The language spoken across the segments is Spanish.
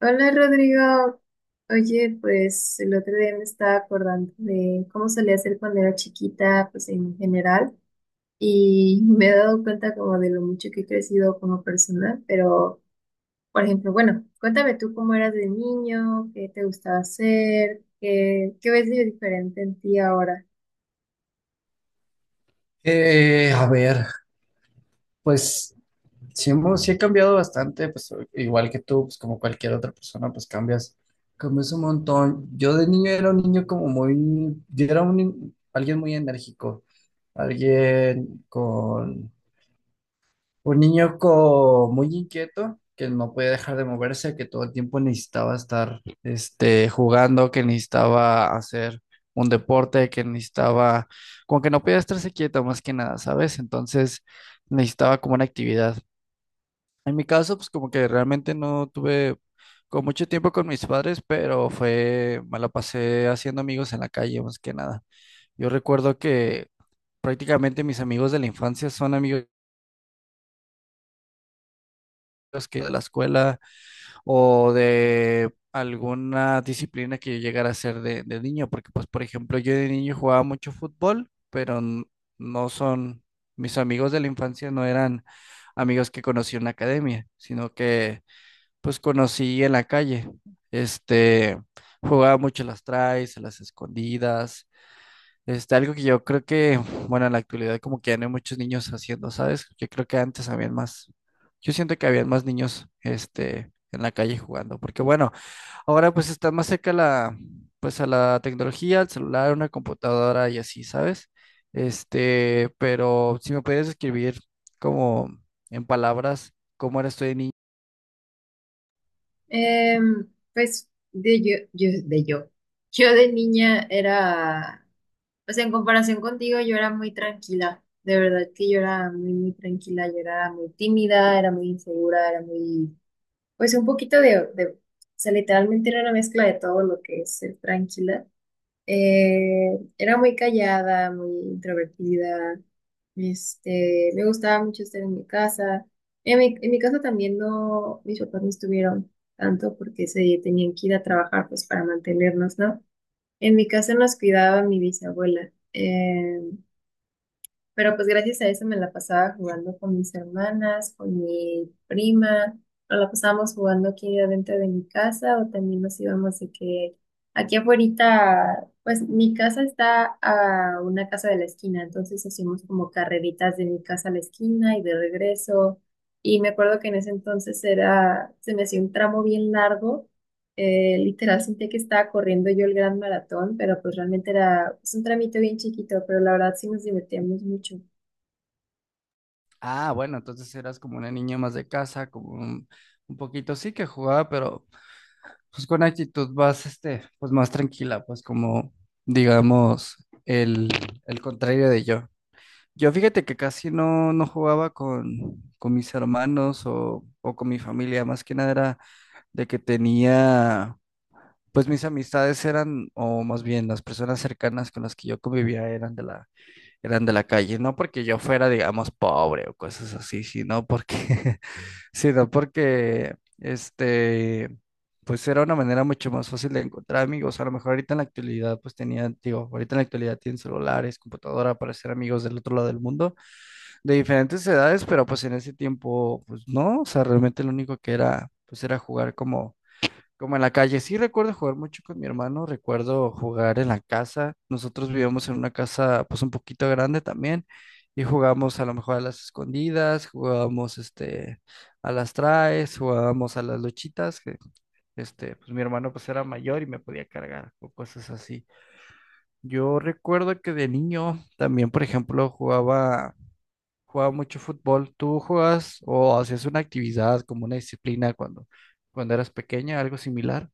Hola Rodrigo, oye, pues el otro día me estaba acordando de cómo solía hacer cuando era chiquita, pues en general, y me he dado cuenta como de lo mucho que he crecido como persona, pero, por ejemplo, bueno, cuéntame tú cómo eras de niño, qué te gustaba hacer, qué ves de diferente en ti ahora. A ver, pues sí he cambiado bastante, pues igual que tú, pues como cualquier otra persona, pues cambias un montón. Yo de niño era un niño como muy, yo era un, ni- alguien muy enérgico, alguien con, un niño co- muy inquieto, que no podía dejar de moverse, que todo el tiempo necesitaba estar jugando, que necesitaba hacer un deporte, como que no podía estarse quieto más que nada, ¿sabes? Entonces necesitaba como una actividad. En mi caso, pues como que realmente no tuve con mucho tiempo con mis padres, me la pasé haciendo amigos en la calle más que nada. Yo recuerdo que prácticamente mis amigos de la infancia son amigos que de la escuela o de alguna disciplina que yo llegara a hacer de niño, porque pues por ejemplo yo de niño jugaba mucho fútbol, pero n- no son, mis amigos de la infancia no eran amigos que conocí en la academia, sino que pues conocí en la calle. Este, Jugaba mucho las traes, a las escondidas, algo que yo creo que, bueno, en la actualidad como que ya no hay muchos niños haciendo, ¿sabes? Yo siento que habían más niños, en la calle jugando, porque bueno, ahora pues está más cerca pues a la tecnología, al celular, una computadora y así, ¿sabes? Pero si me pudieras escribir como en palabras, ¿cómo eras tú de niño? Em, pues de de yo. Yo de niña era. O sea, en comparación contigo, yo era muy tranquila. De verdad que yo era muy tranquila. Yo era muy tímida, era muy insegura, era muy, pues un poquito o sea, literalmente era una mezcla de todo lo que es ser tranquila. Era muy callada, muy introvertida. Me gustaba mucho estar en mi casa. En mi casa también no, mis papás no estuvieron tanto porque se tenían que ir a trabajar pues para mantenernos, ¿no? En mi casa nos cuidaba mi bisabuela, pero pues gracias a eso me la pasaba jugando con mis hermanas, con mi prima, o la pasábamos jugando aquí adentro de mi casa o también nos íbamos de que aquí afuera, pues mi casa está a una casa de la esquina, entonces hacíamos como carreritas de mi casa a la esquina y de regreso. Y me acuerdo que en ese entonces era, se me hacía un tramo bien largo, literal, sentí que estaba corriendo yo el gran maratón, pero pues realmente era, pues, un trámite bien chiquito, pero la verdad sí nos divertíamos mucho. Ah, bueno, entonces eras como una niña más de casa, como un poquito sí que jugaba, pero pues con actitud vas, pues más tranquila, pues como, digamos, el, el contrario de yo. Yo fíjate que casi no jugaba con mis hermanos o con mi familia, más que nada era de que tenía, pues o más bien las personas cercanas con las que yo convivía eran de la calle, no porque yo fuera, digamos, pobre o cosas así, sino porque pues era una manera mucho más fácil de encontrar amigos. A lo mejor ahorita en la actualidad, pues tenían, digo, ahorita en la actualidad tienen celulares, computadora para ser amigos del otro lado del mundo, de diferentes edades, pero pues en ese tiempo, pues no, o sea, realmente lo único que era, pues era jugar como en la calle. Sí recuerdo jugar mucho con mi hermano, recuerdo jugar en la casa. Nosotros vivíamos en una casa pues un poquito grande también y jugamos a lo mejor a las escondidas, jugábamos a las traes, jugábamos a las luchitas, que pues mi hermano pues era mayor y me podía cargar o cosas así. Yo recuerdo que de niño también, por ejemplo, jugaba mucho fútbol. ¿Tú jugabas o hacías una actividad como una disciplina cuando eras pequeña, algo similar?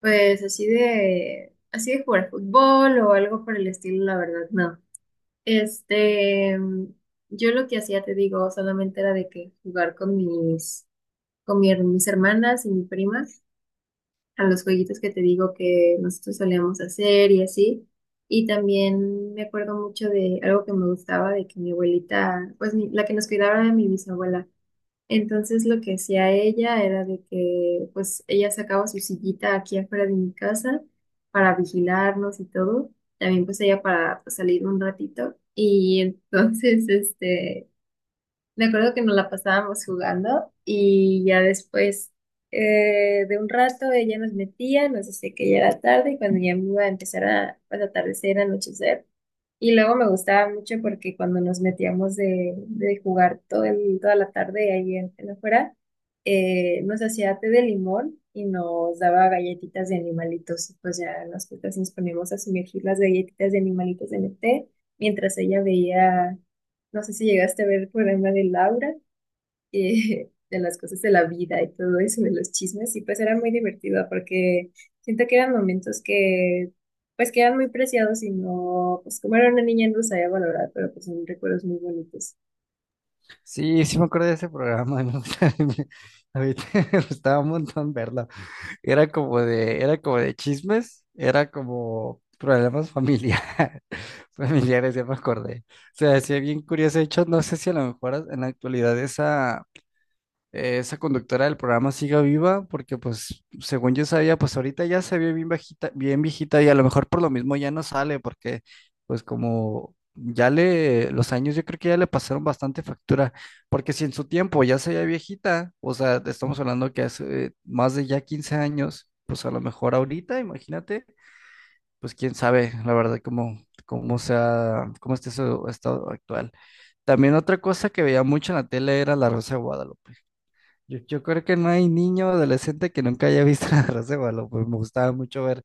Pues así de jugar fútbol o algo por el estilo, la verdad, no. Este, yo lo que hacía, te digo, solamente era de que jugar con mi mis hermanas y mi prima, a los jueguitos que te digo que nosotros solíamos hacer y así. Y también me acuerdo mucho de algo que me gustaba, de que mi abuelita, pues la que nos cuidaba era mi bisabuela. Entonces lo que hacía ella era de que pues ella sacaba su sillita aquí afuera de mi casa para vigilarnos y todo. También pues ella para, pues, salir un ratito. Y entonces, me acuerdo que nos la pasábamos jugando y ya después, de un rato ella nos metía, nos decía que ya era tarde y cuando ya me iba a empezar a atardecer, anochecer. Y luego me gustaba mucho porque cuando nos metíamos de jugar toda la tarde ahí en afuera, nos hacía té de limón y nos daba galletitas de animalitos. Y pues ya nosotras nos poníamos a sumergir las galletitas de animalitos en el té mientras ella veía. No sé si llegaste a ver el programa de Laura, de las cosas de la vida y todo eso, de los chismes, y pues era muy divertido porque siento que eran momentos que, pues que eran muy preciados y no, pues como era una niña no sabía valorar, pero pues son recuerdos muy bonitos. Sí, sí me acuerdo de ese programa, a mí me gustaba un montón verlo. Era como de chismes, era como problemas familiares, familiares, ya me acordé. O sea, hacía bien curioso. De hecho, no sé si a lo mejor en la actualidad esa conductora del programa siga viva, porque pues según yo sabía, pues ahorita ya se ve bien viejita y a lo mejor por lo mismo ya no sale, porque pues como ya le, los años yo creo que ya le pasaron bastante factura, porque si en su tiempo ya se veía viejita, o sea, te estamos hablando que hace más de ya 15 años. Pues a lo mejor ahorita, imagínate, pues quién sabe, la verdad, cómo sea, cómo esté su estado actual. También otra cosa que veía mucho en la tele era La Rosa de Guadalupe. Yo creo que no hay niño o adolescente que nunca haya visto la Rosa de Guadalupe. Me gustaba mucho ver,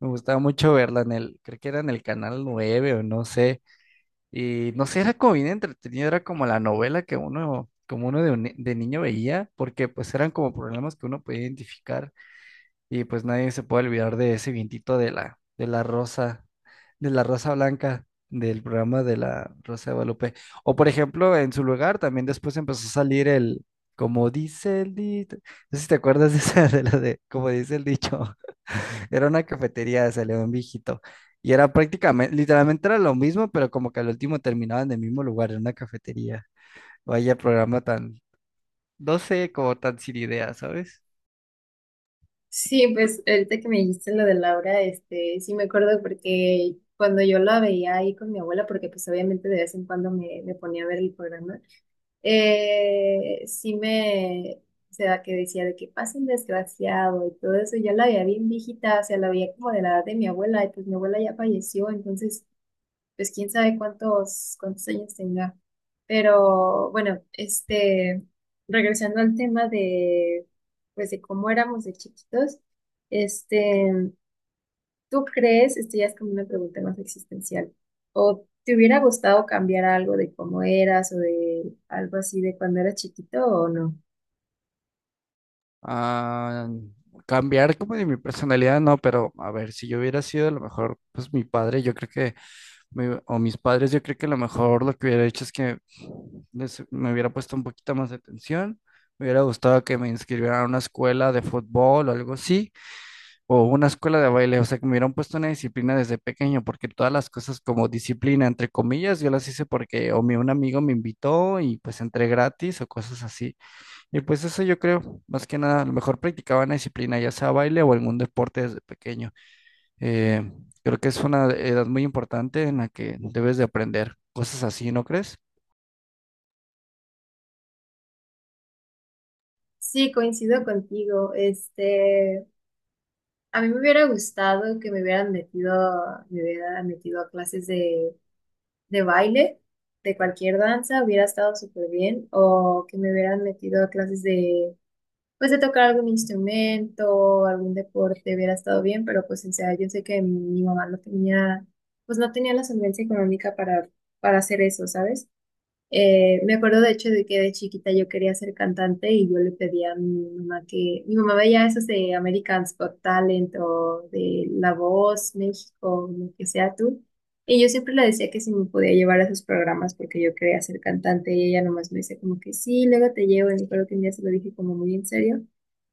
me gustaba mucho verla, creo que era en el canal 9 o no sé. Y no sé, era como bien entretenido, era como la novela que uno, como uno de, un ni- de niño veía, porque pues eran como problemas que uno podía identificar. Y pues nadie se puede olvidar de ese vientito de la rosa blanca del programa de la Rosa de Guadalupe. O por ejemplo, en su lugar también después empezó a salir como dice el dicho, no sé si te acuerdas de esa, como dice el dicho, era una cafetería, salió un viejito. Y era prácticamente, literalmente era lo mismo, pero como que al último terminaba en el mismo lugar, en una cafetería. Vaya programa tan, no sé, como tan sin idea, ¿sabes? Sí, pues ahorita que me dijiste lo de Laura, sí me acuerdo porque cuando yo la veía ahí con mi abuela, porque pues obviamente de vez en cuando me ponía a ver el programa, eh, sí me, o sea, que decía de que pasa un desgraciado y todo eso, ya la veía bien viejita, o sea, la veía como de la edad de mi abuela, y pues mi abuela ya falleció, entonces pues quién sabe cuántos años tenga. Pero bueno, regresando al tema de, pues, de cómo éramos de chiquitos, este, ¿tú crees, esto ya es como una pregunta más existencial, o te hubiera gustado cambiar algo de cómo eras o de algo así de cuando eras chiquito o no? Ah, cambiar como de mi personalidad, no, pero a ver, si yo hubiera sido a lo mejor, pues mi padre, yo creo que, o mis padres, yo creo que a lo mejor lo que hubiera hecho es que me hubiera puesto un poquito más de atención, me hubiera gustado que me inscribieran a una escuela de fútbol o algo así, o una escuela de baile, o sea, que me hubieran puesto una disciplina desde pequeño, porque todas las cosas como disciplina, entre comillas, yo las hice porque o mi, un amigo me invitó y pues entré gratis o cosas así. Y pues eso yo creo, más que nada, a lo mejor practicaba una disciplina, ya sea baile o algún deporte desde pequeño. Eh, Creo que es una edad muy importante en la que debes de aprender cosas así, ¿no crees? Sí, coincido contigo. A mí me hubiera gustado que me hubieran metido a clases de baile, de cualquier danza, hubiera estado súper bien, o que me hubieran metido a clases de, pues, de tocar algún instrumento, algún deporte, hubiera estado bien, pero pues, o sea, yo sé que mi mamá no tenía, pues no tenía la solvencia económica para hacer eso, ¿sabes? Me acuerdo de hecho de que de chiquita yo quería ser cantante y yo le pedí a mi mamá que, mi mamá veía esos de American's Got Talent o de La Voz, México, lo que sea tú. Y yo siempre le decía que si me podía llevar a esos programas porque yo quería ser cantante y ella nomás me decía como que sí, luego te llevo. Y me acuerdo que un día se lo dije como muy en serio,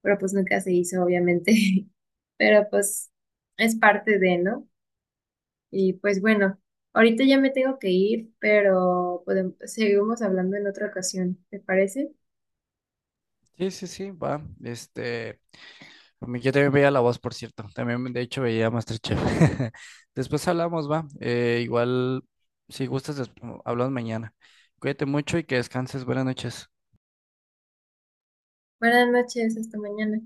pero pues nunca se hizo, obviamente. Pero pues es parte de, ¿no? Y pues bueno, ahorita ya me tengo que ir, pero podemos, seguimos hablando en otra ocasión, ¿te parece? Sí, sí, sí, va. Yo también veía La Voz, por cierto. También, de hecho, veía MasterChef. Después hablamos, va. Igual, si gustas, hablamos mañana. Cuídate mucho y que descanses. Buenas noches. Buenas noches, hasta mañana.